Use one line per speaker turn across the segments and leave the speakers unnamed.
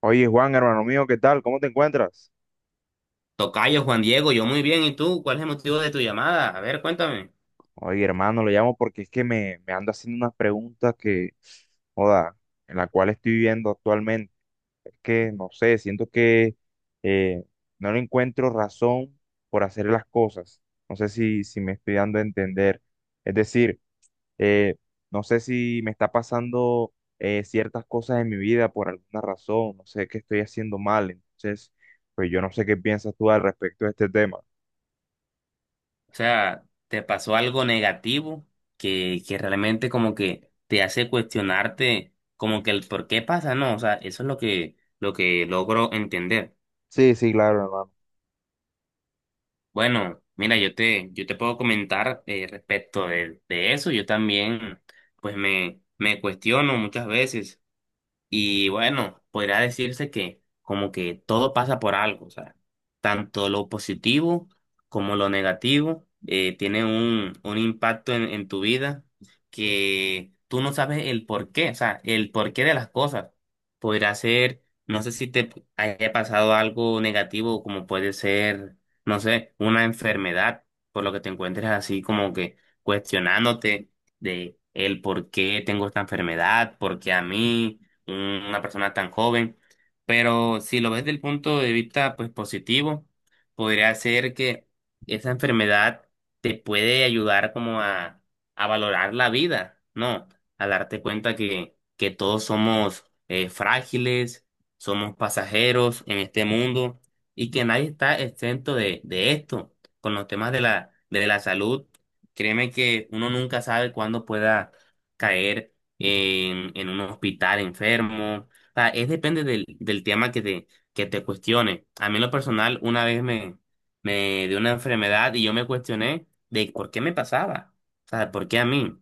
Oye, Juan, hermano mío, ¿qué tal? ¿Cómo te encuentras?
Tocayo Juan Diego, yo muy bien. ¿Y tú? ¿Cuál es el motivo de tu llamada? A ver, cuéntame.
Oye, hermano, lo llamo porque es que me ando haciendo unas preguntas que, joda, en la cual estoy viviendo actualmente. Es que, no sé, siento que eh, no le encuentro razón por hacer las cosas. No sé si me estoy dando a entender. Es decir, eh, no sé si me está pasando ciertas cosas en mi vida por alguna razón. No sé qué estoy haciendo mal. Entonces, pues yo no sé qué piensas tú al respecto de este tema.
O sea, ¿te pasó algo negativo que realmente como que te hace cuestionarte como que el por qué pasa? No, o sea, eso es lo que logro entender.
Sí, sí, claro, hermano.
Bueno, mira, yo te puedo comentar respecto de eso. Yo también, pues me cuestiono muchas veces. Y bueno, podría decirse que como que todo pasa por algo. O sea, tanto lo positivo como lo negativo tiene un impacto en tu vida, que tú no sabes el por qué, o sea, el porqué de las cosas. Podría ser, no sé si te haya pasado algo negativo, como puede ser, no sé, una enfermedad, por lo que te encuentres así como que cuestionándote de el por qué tengo esta enfermedad, por qué a mí, una persona tan joven. Pero si lo ves del punto de vista pues positivo, podría ser que esa enfermedad te puede ayudar como a valorar la vida, ¿no? A darte cuenta que todos somos frágiles, somos pasajeros en este mundo y que nadie está exento de esto. Con los temas de la salud, créeme que uno nunca sabe cuándo pueda caer en un hospital enfermo. O sea, es depende del tema que te cuestione. A mí en lo personal, una vez me, me dio una enfermedad y yo me cuestioné de por qué me pasaba. O sea, ¿por qué a mí?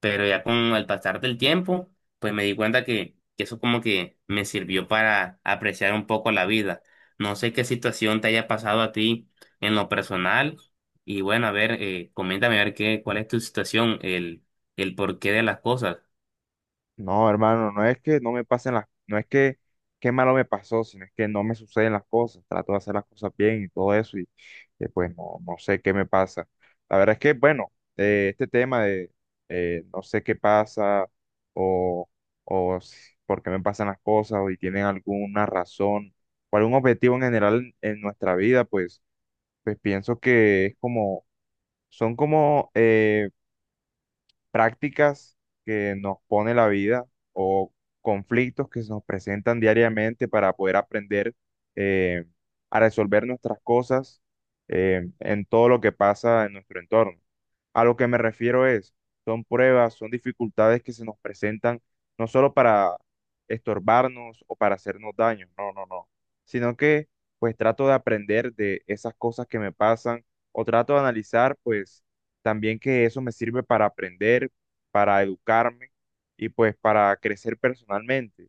Pero ya con el pasar del tiempo, pues me di cuenta que eso como que me sirvió para apreciar un poco la vida. No sé qué situación te haya pasado a ti en lo personal. Y bueno, a ver, coméntame a ver qué, cuál es tu situación, el porqué de las cosas.
No, hermano, no es que no me pasen las, no es que qué malo me pasó, sino es que no me suceden las cosas, trato de hacer las cosas bien y todo eso y pues no, no sé qué me pasa. La verdad es que, bueno, este tema de no sé qué pasa o, por qué me pasan las cosas o si tienen alguna razón o algún objetivo en general en nuestra vida, pues pienso que es como, son como... prácticas que nos pone la vida o conflictos que se nos presentan diariamente para poder aprender eh, a resolver nuestras cosas en todo lo que pasa en nuestro entorno. A lo que me refiero es, son pruebas, son dificultades que se nos presentan no solo para estorbarnos o para hacernos daño, no, no, no, sino que pues trato de aprender de esas cosas que me pasan o trato de analizar pues también que eso me sirve para aprender, para educarme y pues para crecer personalmente.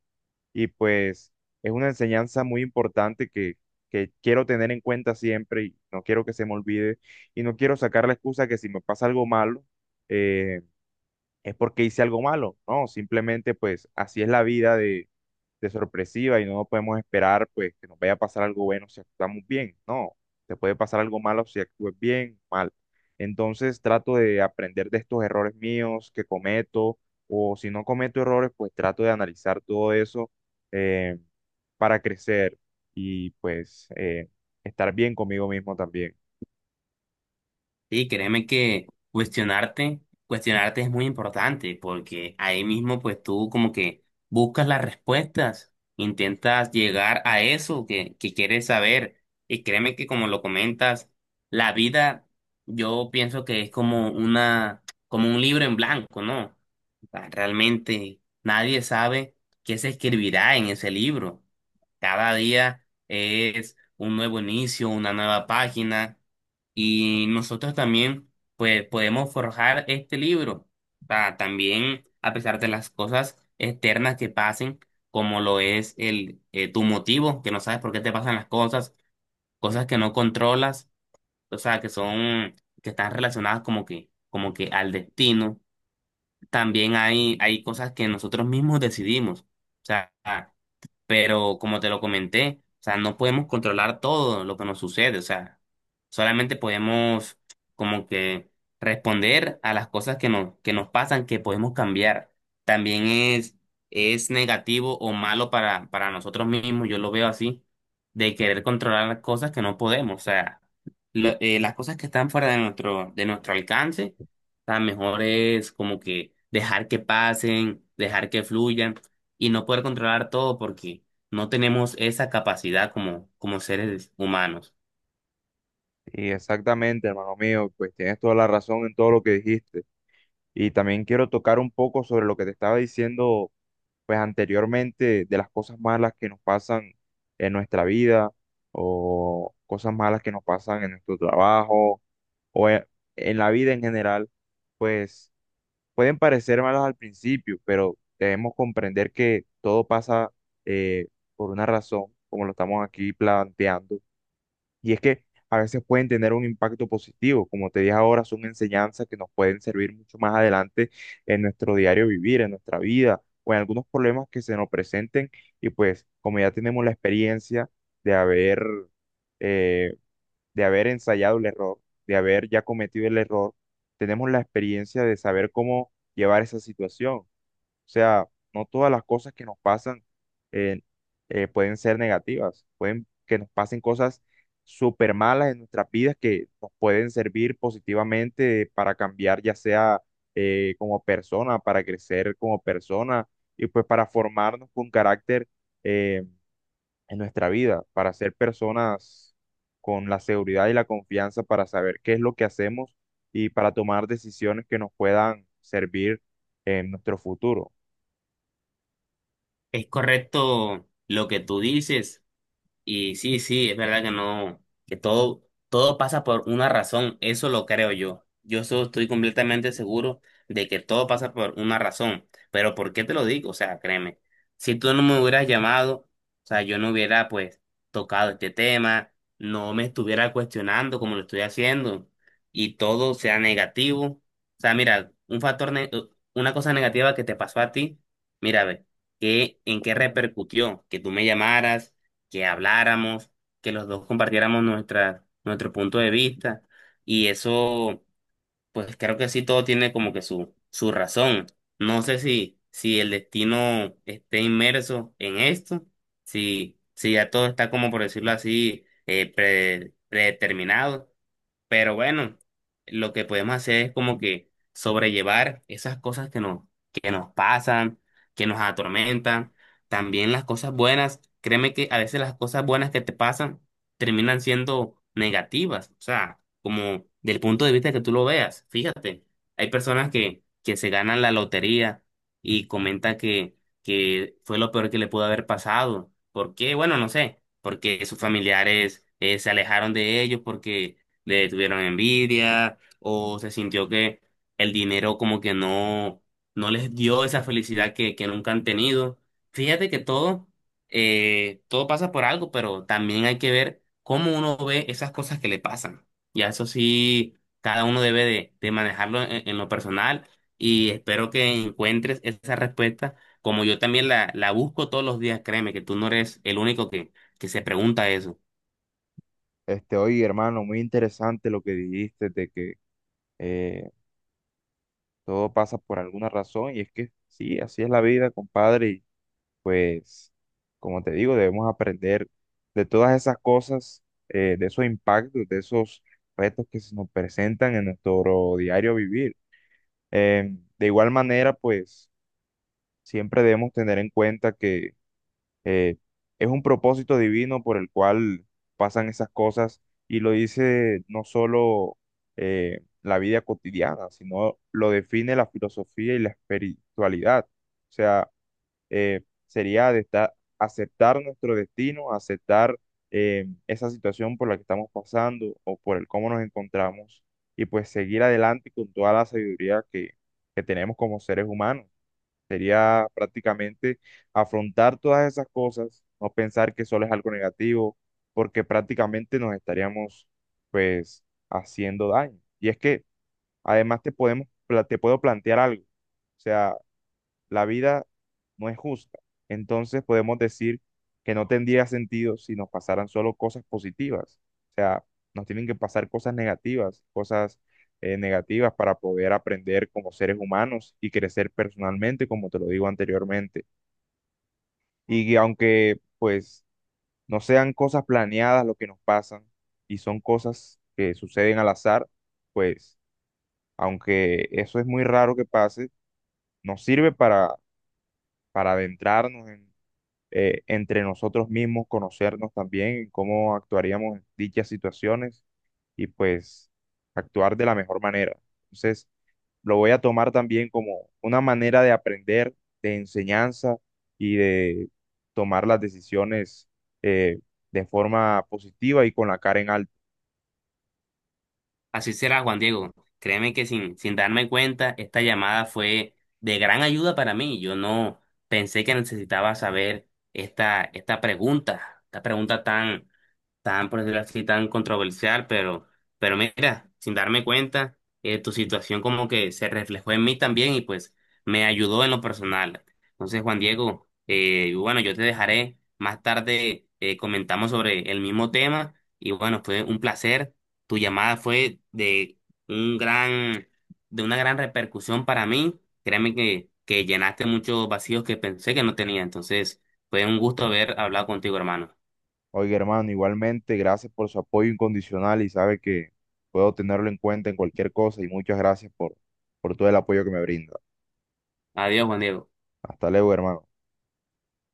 Y pues es una enseñanza muy importante que quiero tener en cuenta siempre y no quiero que se me olvide y no quiero sacar la excusa que si me pasa algo malo, eh, es porque hice algo malo, no, simplemente pues así es la vida de sorpresiva y no podemos esperar pues que nos vaya a pasar algo bueno si actuamos bien, no, te puede pasar algo malo si actúes bien, mal. Entonces trato de aprender de estos errores míos que cometo o si no cometo errores pues trato de analizar todo eso eh, para crecer y pues estar bien conmigo mismo también.
Sí, créeme que cuestionarte, cuestionarte es muy importante, porque ahí mismo pues tú como que buscas las respuestas, intentas llegar a eso que quieres saber. Y créeme que, como lo comentas, la vida yo pienso que es como una, como un libro en blanco, ¿no? Ah, realmente nadie sabe qué se escribirá en ese libro. Cada día es un nuevo inicio, una nueva página, y nosotros también pues podemos forjar este libro. Ah, también, a pesar de las cosas externas que pasen, como lo es el tu motivo, que no sabes por qué te pasan las cosas, cosas que no controlas, o sea, que son que están relacionadas como que al destino, también hay cosas que nosotros mismos decidimos. O sea, pero como te lo comenté, o sea, no podemos controlar todo lo que nos sucede. O sea, solamente podemos como que responder a las cosas que nos pasan, que podemos cambiar. También es negativo o malo para nosotros mismos, yo lo veo así, de querer controlar las cosas que no podemos. O sea, las cosas que están fuera de nuestro alcance. O sea, mejor es como que dejar que pasen, dejar que fluyan, y no poder controlar todo, porque no tenemos esa capacidad como, como seres humanos.
Y exactamente, hermano mío, pues tienes toda la razón en todo lo que dijiste. Y también quiero tocar un poco sobre lo que te estaba diciendo, pues anteriormente, de las cosas malas que nos pasan en nuestra vida o cosas malas que nos pasan en nuestro trabajo o e- en la vida en general, pues pueden parecer malas al principio, pero debemos comprender que todo pasa eh, por una razón, como lo estamos aquí planteando y es que a veces pueden tener un impacto positivo, como te dije ahora, son enseñanzas que nos pueden servir mucho más adelante en nuestro diario vivir, en nuestra vida o en algunos problemas que se nos presenten. Y pues como ya tenemos la experiencia de eh, de haber ensayado el error, de haber ya cometido el error, tenemos la experiencia de saber cómo llevar esa situación. O sea, no todas las cosas que nos pasan eh, pueden ser negativas, pueden que nos pasen cosas súper malas en nuestras vidas que nos pueden servir positivamente para cambiar, ya sea como persona, para crecer como persona y pues para formarnos con carácter eh, en nuestra vida, para ser personas con la seguridad y la confianza para saber qué es lo que hacemos y para tomar decisiones que nos puedan servir en nuestro futuro.
Es correcto lo que tú dices. Y sí, sí, es verdad que no, que todo, todo pasa por una razón, eso lo creo yo. Estoy completamente seguro de que todo pasa por una razón. Pero ¿por qué te lo digo? O sea, créeme, si tú no me hubieras llamado, o sea, yo no hubiera pues tocado este tema, no me estuviera cuestionando como lo estoy haciendo y todo sea negativo. O sea, mira, una cosa negativa que te pasó a ti, mira, ve, ¿qué, en qué repercutió? Que tú me llamaras, que habláramos, que los dos compartiéramos nuestra, nuestro punto de vista. Y eso, pues creo que sí, todo tiene como que su razón. No sé si, si el destino esté inmerso en esto, si, si ya todo está, como por decirlo así, predeterminado. Pero bueno, lo que podemos hacer es como que sobrellevar esas cosas que nos pasan, que nos atormentan, también las cosas buenas. Créeme que a veces las cosas buenas que te pasan terminan siendo negativas, o sea, como del punto de vista que tú lo veas. Fíjate, hay personas que se ganan la lotería y comentan que fue lo peor que le pudo haber pasado. ¿Por qué? Bueno, no sé, porque sus familiares se alejaron de ellos, porque le tuvieron envidia, o se sintió que el dinero como que no, no les dio esa felicidad que nunca han tenido. Fíjate que todo, todo pasa por algo, pero también hay que ver cómo uno ve esas cosas que le pasan. Y a eso sí, cada uno debe de manejarlo en lo personal, y espero que encuentres esa respuesta. Como yo también la busco todos los días, créeme que tú no eres el único que se pregunta eso.
Este, oye, hermano, muy interesante lo que dijiste de que eh, todo pasa por alguna razón y es que sí, así es la vida, compadre, y pues, como te digo, debemos aprender de todas esas cosas, de esos impactos, de esos retos que se nos presentan en nuestro diario vivir. De igual manera, pues, siempre debemos tener en cuenta que eh, es un propósito divino por el cual pasan esas cosas y lo dice no solo la vida cotidiana, sino lo define la filosofía y la espiritualidad. O sea, eh, sería de esta- aceptar nuestro destino, aceptar esa situación por la que estamos pasando o por el cómo nos encontramos y pues seguir adelante con toda la sabiduría que tenemos como seres humanos. Sería prácticamente afrontar todas esas cosas, no pensar que solo es algo negativo, porque prácticamente nos estaríamos pues haciendo daño. Y es que además te te puedo plantear algo. O sea, la vida no es justa. Entonces podemos decir que no tendría sentido si nos pasaran solo cosas positivas. O sea, nos tienen que pasar cosas negativas para poder aprender como seres humanos y crecer personalmente, como te lo digo anteriormente. Y que aunque pues no sean cosas planeadas lo que nos pasan y son cosas que suceden al azar, pues aunque eso es muy raro que pase, nos sirve para adentrarnos en entre nosotros mismos, conocernos también, cómo actuaríamos en dichas situaciones y pues actuar de la mejor manera. Entonces, lo voy a tomar también como una manera de aprender, de enseñanza y de tomar las decisiones eh, de forma positiva y con la cara en alto.
Así será, Juan Diego. Créeme que sin darme cuenta, esta llamada fue de gran ayuda para mí. Yo no pensé que necesitaba saber esta, esta pregunta tan, tan, por decirlo así, tan controversial. Pero mira, sin darme cuenta, tu situación como que se reflejó en mí también y pues me ayudó en lo personal. Entonces, Juan Diego, bueno, yo te dejaré más tarde, comentamos sobre el mismo tema, y bueno, fue un placer. Tu llamada fue de un gran, de una gran repercusión para mí. Créeme que llenaste muchos vacíos que pensé que no tenía. Entonces, fue un gusto haber hablado contigo, hermano.
Oiga, hermano, igualmente, gracias por su apoyo incondicional y sabe que puedo tenerlo en cuenta en cualquier cosa y muchas gracias por todo el apoyo que me brinda.
Adiós, Juan Diego.
Hasta luego, hermano.